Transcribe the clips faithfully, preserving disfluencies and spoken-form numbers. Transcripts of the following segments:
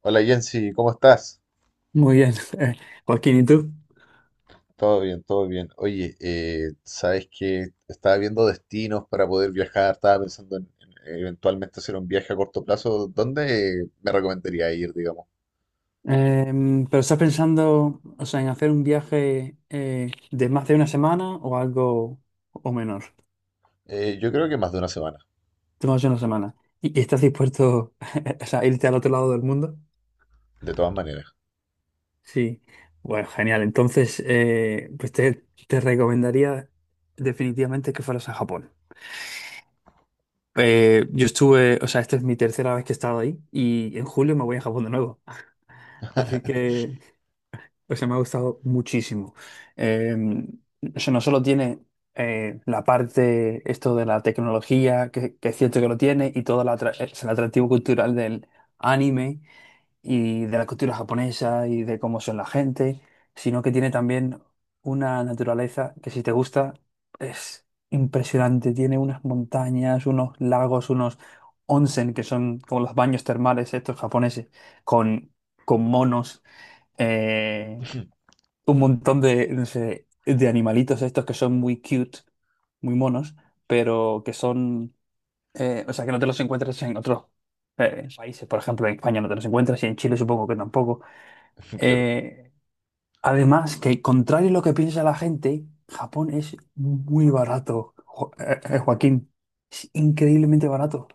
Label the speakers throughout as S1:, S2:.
S1: Hola Jensi, ¿cómo estás?
S2: Muy bien, eh, Joaquín, ¿y tú?
S1: Todo bien, todo bien. Oye, eh, sabes que estaba viendo destinos para poder viajar, estaba pensando en, en eventualmente hacer un viaje a corto plazo. ¿Dónde me recomendaría ir, digamos?
S2: Em, ¿pero estás pensando, o sea, en hacer un viaje eh, de más de una semana o algo o menor?
S1: Eh, yo creo que más de una semana,
S2: De más de una semana. ¿Y, y estás dispuesto, o sea, a irte al otro lado del mundo?
S1: de todas maneras.
S2: Sí. Bueno, genial. Entonces, eh, pues te, te recomendaría definitivamente que fueras a Japón. Eh, yo estuve, o sea, esta es mi tercera vez que he estado ahí, y en julio me voy a Japón de nuevo. Así que... O sea, me ha gustado muchísimo. Eh, o sea, no solo tiene eh, la parte, esto de la tecnología, que, que es cierto que lo tiene, y todo el atra- eh, es el atractivo cultural del anime y de la cultura japonesa y de cómo son la gente, sino que tiene también una naturaleza que si te gusta es impresionante. Tiene unas montañas, unos lagos, unos onsen, que son como los baños termales estos japoneses, con, con monos. eh, un montón de, no sé, de animalitos estos que son muy cute, muy monos, pero que son, eh, o sea, que no te los encuentras en otros eh, países. Por ejemplo, en España no te los encuentras y en Chile supongo que tampoco.
S1: Claro.
S2: Eh, Además, que contrario a lo que piensa la gente, Japón es muy barato, Jo- eh, eh, Joaquín. Es increíblemente barato.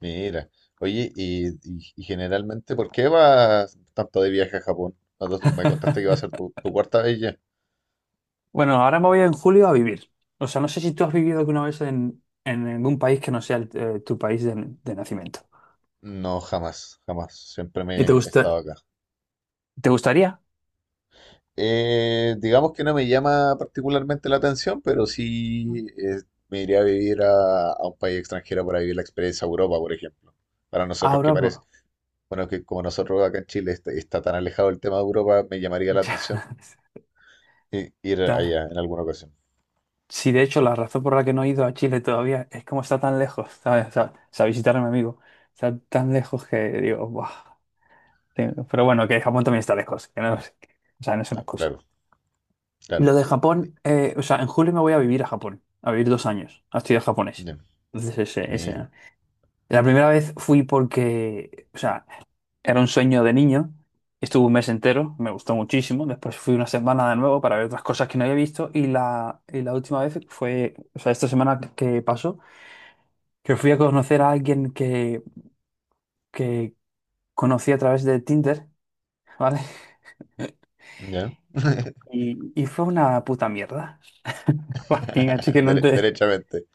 S1: Mira, oye, y, y- y generalmente, ¿por qué vas tanto de viaje a Japón? Cuando me contaste que va a ser tu, tu cuarta vez ya.
S2: Bueno, ahora me voy en julio a vivir. O sea, no sé si tú has vivido alguna vez en, en algún país que no sea el- eh, tu país de de nacimiento.
S1: No, jamás, jamás. Siempre
S2: ¿Y te
S1: me he estado
S2: gusta,
S1: acá.
S2: te gustaría?
S1: Eh, digamos que no me llama particularmente la atención, pero sí eh, me iría a vivir a, a un país extranjero para vivir la experiencia Europa, por ejemplo. Para nosotros que
S2: Ahora, pues...
S1: parece, bueno, que como nosotros acá en Chile está, está tan alejado el tema de Europa, me llamaría la
S2: Ya,
S1: atención i- ir
S2: ya.
S1: allá en alguna ocasión.
S2: Sí, de hecho, la razón por la que no he ido a Chile todavía es como está tan lejos, ¿sabes? O sea, o sea, visitar a mi amigo está tan lejos que digo, "Buah". Sí. Pero bueno, que Japón también está lejos, que no es- o sea, no es una
S1: Ah,
S2: excusa.
S1: claro,
S2: Y
S1: claro.
S2: lo de
S1: Uy,
S2: Japón, eh, o sea, en julio me voy a vivir a Japón, a vivir dos años, a estudiar japonés.
S1: ya,
S2: Entonces, ese,
S1: mira,
S2: ese, La primera vez fui porque, o sea, era un sueño de niño. Estuve un mes entero, me gustó muchísimo. Después fui una semana de nuevo para ver otras cosas que no había visto. Y la, y la última vez fue, o sea, esta semana que pasó, que fui a conocer a alguien que, que conocí a través de Tinder, ¿vale?
S1: ya.
S2: Y, y fue una puta mierda. Joaquín, así que no
S1: Dere-
S2: te...
S1: derechamente,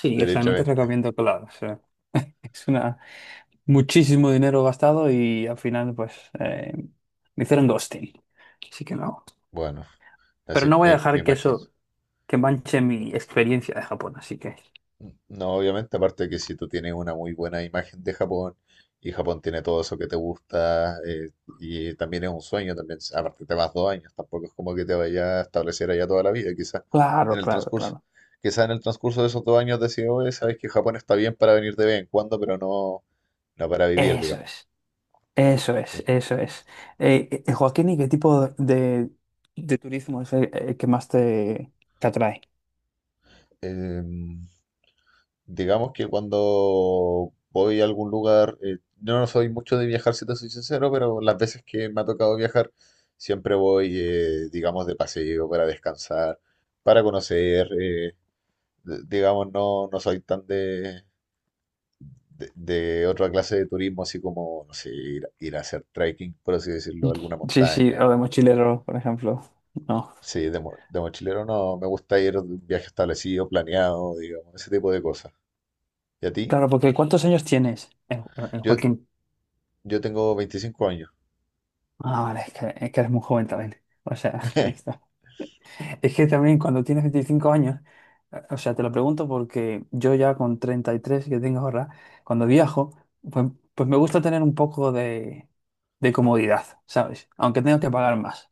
S2: Sí, o sea, no te
S1: derechamente.
S2: recomiendo que lo hagas, o sea, es una... muchísimo dinero gastado y al final pues eh, me hicieron ghosting. Así que no.
S1: Bueno,
S2: Pero
S1: así
S2: no voy a
S1: me, me
S2: dejar que
S1: imagino.
S2: eso, que manche mi experiencia de Japón, así que...
S1: No, obviamente, aparte de que si tú tienes una muy buena imagen de Japón y Japón tiene todo eso que te gusta eh, y también es un sueño, también, aparte te vas dos años, tampoco es como que te vayas a establecer allá toda la vida, quizás en
S2: Claro,
S1: el
S2: claro,
S1: transcurso,
S2: claro.
S1: quizás en el transcurso de esos dos años decides, oye, sabes que Japón está bien para venir de vez en cuando, pero no, no para vivir,
S2: Eso
S1: digamos.
S2: es, eso es,
S1: Sí.
S2: eso es. Eh, eh, eh, Joaquín, ¿y qué tipo de, de turismo es el, el que más te, te atrae?
S1: Em, digamos que cuando voy a algún lugar, eh, no no soy mucho de viajar, si te soy sincero, pero las veces que me ha tocado viajar, siempre voy, eh, digamos, de paseo para descansar, para conocer, eh, d- digamos, no, no soy tan de, de, de otra clase de turismo, así como, no sé, ir, ir a hacer trekking, por así decirlo, a alguna
S2: Sí, sí,
S1: montaña
S2: o de
S1: o...
S2: mochilero, por ejemplo. No.
S1: Sí, de, mo- de mochilero no, me gusta ir de un viaje establecido, planeado, digamos, ese tipo de cosas. ¿Y a ti?
S2: Claro, porque ¿cuántos años tienes, eh, eh,
S1: Yo,
S2: Joaquín?
S1: yo tengo veinticinco años.
S2: Ah, vale, es que, es que eres muy joven también. O sea, está. Es que también cuando tienes veinticinco años, eh, o sea, te lo pregunto porque yo ya con treinta y tres que tengo ahora, cuando viajo, pues, pues me gusta tener un poco de, de comodidad, ¿sabes? Aunque tenga que pagar más.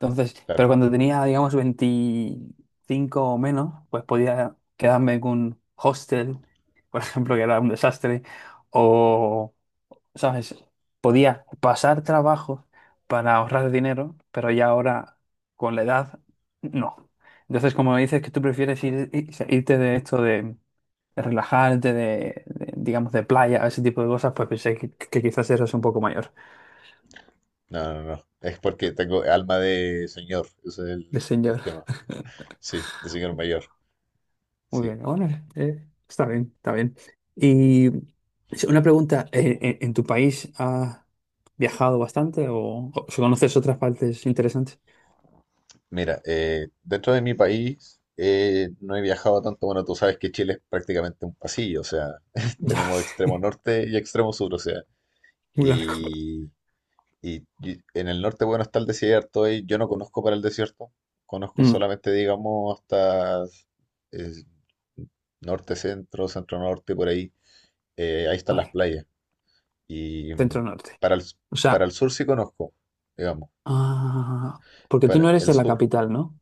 S2: Entonces, pero
S1: Claro,
S2: cuando tenía, digamos, veinticinco o menos, pues podía quedarme en un hostel, por ejemplo, que era un desastre, ¿sabes? Podía pasar trabajo para ahorrar dinero, pero ya ahora con la edad, no. Entonces, como me dices que tú prefieres ir, ir- irte de esto de, de relajarte, de, de, digamos, de playa, ese tipo de cosas, pues pensé que, que quizás eres un poco mayor
S1: no, no, no. Es porque tengo alma de señor, ese es el,
S2: de
S1: el
S2: señor.
S1: tema. Sí, de señor mayor.
S2: Muy
S1: Sí.
S2: bien, bueno, eh, está bien, está bien. Y sí, una pregunta, ¿en, en- en tu país has viajado bastante o, o conoces otras partes interesantes?
S1: Mira, eh, dentro de mi país eh, no he viajado tanto. Bueno, tú sabes que Chile es prácticamente un pasillo, o sea,
S2: Ya,
S1: tenemos extremo
S2: sé,
S1: norte y extremo sur, o sea.
S2: muy largo.
S1: Y, y- y en el norte, bueno, está el desierto y yo no conozco para el desierto. Conozco solamente, digamos, hasta eh, norte, centro, centro norte, por ahí. Eh, ahí están las
S2: Vale,
S1: playas. Y
S2: centro
S1: mm,
S2: norte.
S1: para el, s-
S2: O
S1: para
S2: sea,
S1: el sur sí conozco, digamos.
S2: ah, porque tú no
S1: Para
S2: eres
S1: el
S2: de la
S1: sur.
S2: capital, ¿no?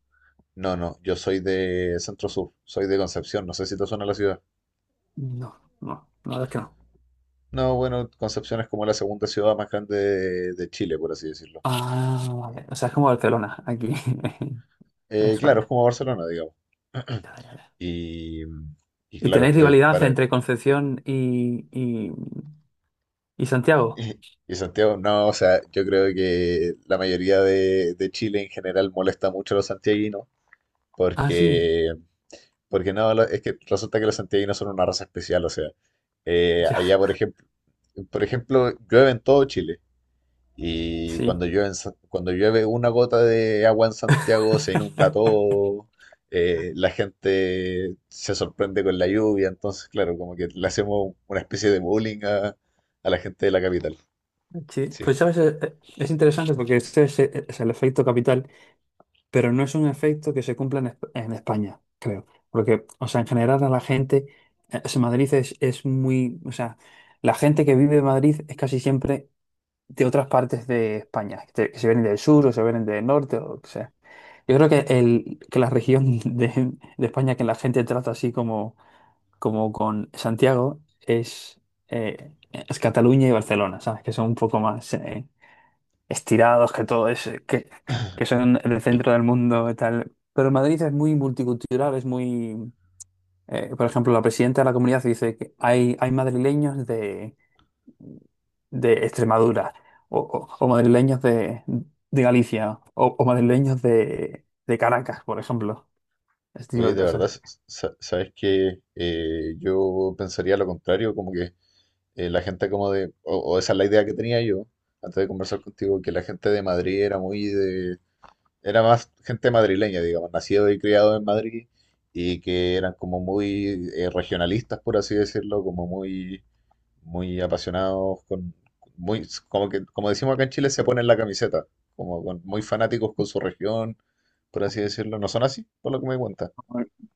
S1: No, no, yo soy de Centro Sur, soy de Concepción, no sé si te suena la ciudad.
S2: No, no, la verdad es que no.
S1: No, bueno, Concepción es como la segunda ciudad más grande de, de Chile, por así decirlo.
S2: Ah, vale. O sea, es como Barcelona, aquí en
S1: Eh, claro, es
S2: España.
S1: como Barcelona, digamos.
S2: Ya, ya, ya.
S1: Y, mm, y
S2: ¿Y
S1: claro,
S2: tenéis
S1: eh,
S2: rivalidad
S1: para...
S2: entre Concepción y, y, y Santiago?
S1: Y Santiago, no, o sea, yo creo que la mayoría de, de Chile en general molesta mucho a los santiaguinos
S2: Ah, sí,
S1: porque Porque no, lo- es que resulta que los santiaguinos son una raza especial, o sea, eh,
S2: ya,
S1: allá por ejemplo, por ejemplo, llueve en todo Chile y
S2: sí.
S1: cuando llueve, en Sa- cuando llueve una gota de agua en Santiago se inunda todo, eh, la gente se sorprende con la lluvia, entonces claro, como que le hacemos una especie de bullying a, a la gente de la capital.
S2: Sí,
S1: Sí.
S2: pues sabes, Eh, eh, es interesante porque este es, eh, es el efecto capital. Pero no es un efecto que se cumpla en, Esp- en España, creo. Porque, o sea, en general a la gente, eh, o sea, Madrid es, es muy, o sea, la gente que vive en Madrid es casi siempre de otras partes de España, que, que se vienen del sur o se vienen del norte o lo que sea. Yo creo que, el, que la región de, de España que la gente trata así como, como con Santiago es, eh, es Cataluña y Barcelona, ¿sabes? Que son un poco más... eh, estirados, que todo es, que, que son el
S1: Y,
S2: centro del mundo y tal. Pero Madrid es muy multicultural, es muy... eh, por ejemplo, la presidenta de la comunidad dice que hay, hay madrileños de, de Extremadura, o, o- o madrileños de, de Galicia, o, o madrileños de, de Caracas, por ejemplo. Este tipo
S1: oye,
S2: de
S1: de
S2: cosas.
S1: verdad, sa- sabes que eh, yo pensaría lo contrario, como que eh, la gente como de, o, o esa es la idea que tenía yo antes de conversar contigo, que la gente de Madrid era muy de, era más gente madrileña, digamos, nacido y criado en Madrid y que eran como muy eh, regionalistas, por así decirlo, como muy, muy apasionados con, muy, como que, como decimos acá en Chile, se ponen la camiseta, como con- muy fanáticos con su región, por así decirlo. ¿No son así? Por lo que me cuenta.
S2: No,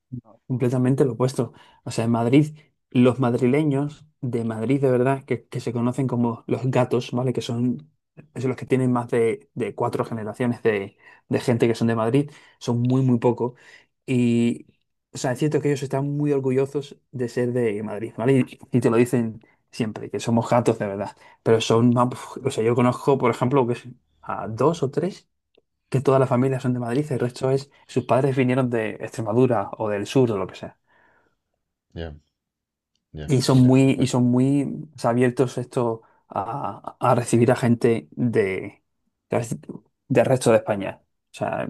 S2: completamente lo opuesto. O sea, en Madrid, los madrileños de Madrid de verdad, que, que se conocen como los gatos, ¿vale? Que son Es los que tienen más de, de cuatro generaciones de, de gente que son de Madrid, son muy, muy pocos. Y, o sea, es cierto que ellos están muy orgullosos de ser de Madrid, ¿vale? Y, y te lo dicen siempre, que somos gatos de verdad. Pero son, más- o sea, yo conozco, por ejemplo, que es- a dos o tres que todas las familias son de Madrid, el resto es, sus padres vinieron de Extremadura o del sur o lo que sea.
S1: Ya, ya,
S2: Y son
S1: mira.
S2: muy, y
S1: Uy,
S2: son muy o sea, abiertos esto a, a recibir a gente de, de- del resto de España. O sea,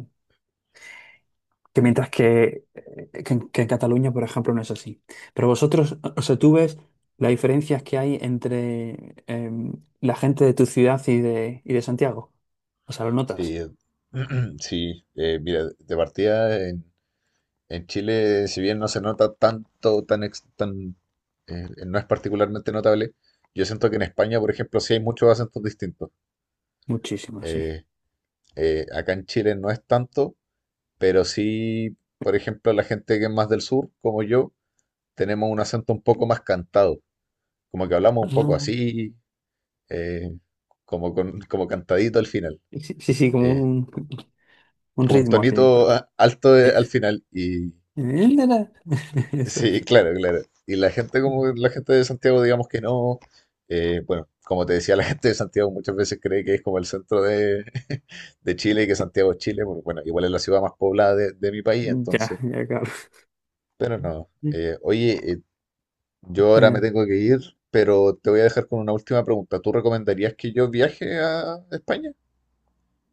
S2: que mientras que, eh, que, en que en Cataluña, por ejemplo, no es así. Pero vosotros, o sea, tú ves las diferencias que hay entre em, la gente de tu ciudad y de, y de Santiago. O sea, lo
S1: sí,
S2: notas.
S1: eh, sí, eh, mira, de partida en, en Chile, si bien no se nota tanto, tan, ex- tan, eh, eh, no es particularmente notable, yo siento que en España, por ejemplo, sí hay muchos acentos distintos.
S2: Muchísimo, sí.
S1: Eh, eh, Acá en Chile no es tanto, pero sí, por ejemplo, la gente que es más del sur, como yo, tenemos un acento un poco más cantado, como que hablamos un poco
S2: Ah,
S1: así, eh, como con, como cantadito al final,
S2: sí, sí, sí, como
S1: eh,
S2: un... Un
S1: como un
S2: ritmo así y tal.
S1: tonito a- alto de- al
S2: Es-
S1: final y
S2: Él. Eso.
S1: sí, claro, claro. Y la gente como la gente de Santiago, digamos que no, eh, bueno, como te decía, la gente de Santiago muchas veces cree que es como el centro de, de Chile y que Santiago es Chile, porque bueno, igual es la ciudad más poblada de, de mi país,
S2: Ya,
S1: entonces,
S2: ya, Carlos.
S1: pero no. Eh, oye, eh, yo ahora me
S2: Genial.
S1: tengo que ir, pero te voy a dejar con una última pregunta. ¿Tú recomendarías que yo viaje a España?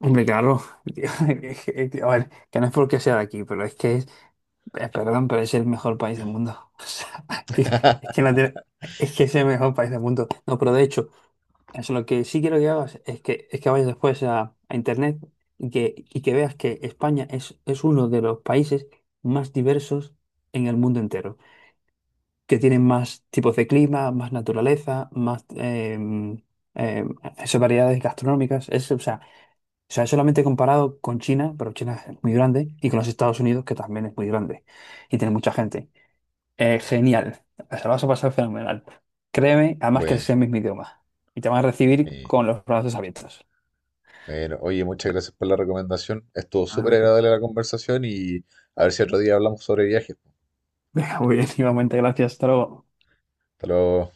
S2: Hombre, Carlos, tío, a ver, que no es porque sea de aquí, pero es que es, eh, perdón, pero es el mejor país del mundo. O sea, que, es que no tiene... Es que es el mejor país del mundo. No, pero de hecho, eso lo que sí quiero que hagas es que, es que vayas después a, a internet y que, y que veas que España es, es uno de los países más diversos en el mundo entero. Que tienen más tipos de clima, más naturaleza, más em, em, esas variedades gastronómicas. Es, o sea, o sea, Es solamente comparado con China, pero China es muy grande, y con los Estados Unidos, que también es muy grande y tiene mucha gente. Eh, genial, se lo vas a pasar fenomenal. Créeme, además que
S1: Bueno,
S2: sea el mismo idioma. Y te van a recibir
S1: eh,
S2: con los brazos abiertos.
S1: bueno, oye, muchas gracias por la recomendación. Estuvo
S2: Ah,
S1: súper
S2: ok.
S1: agradable la conversación y a ver si otro día hablamos sobre viajes.
S2: Muy bien, igualmente, gracias, hasta luego.
S1: Hasta luego.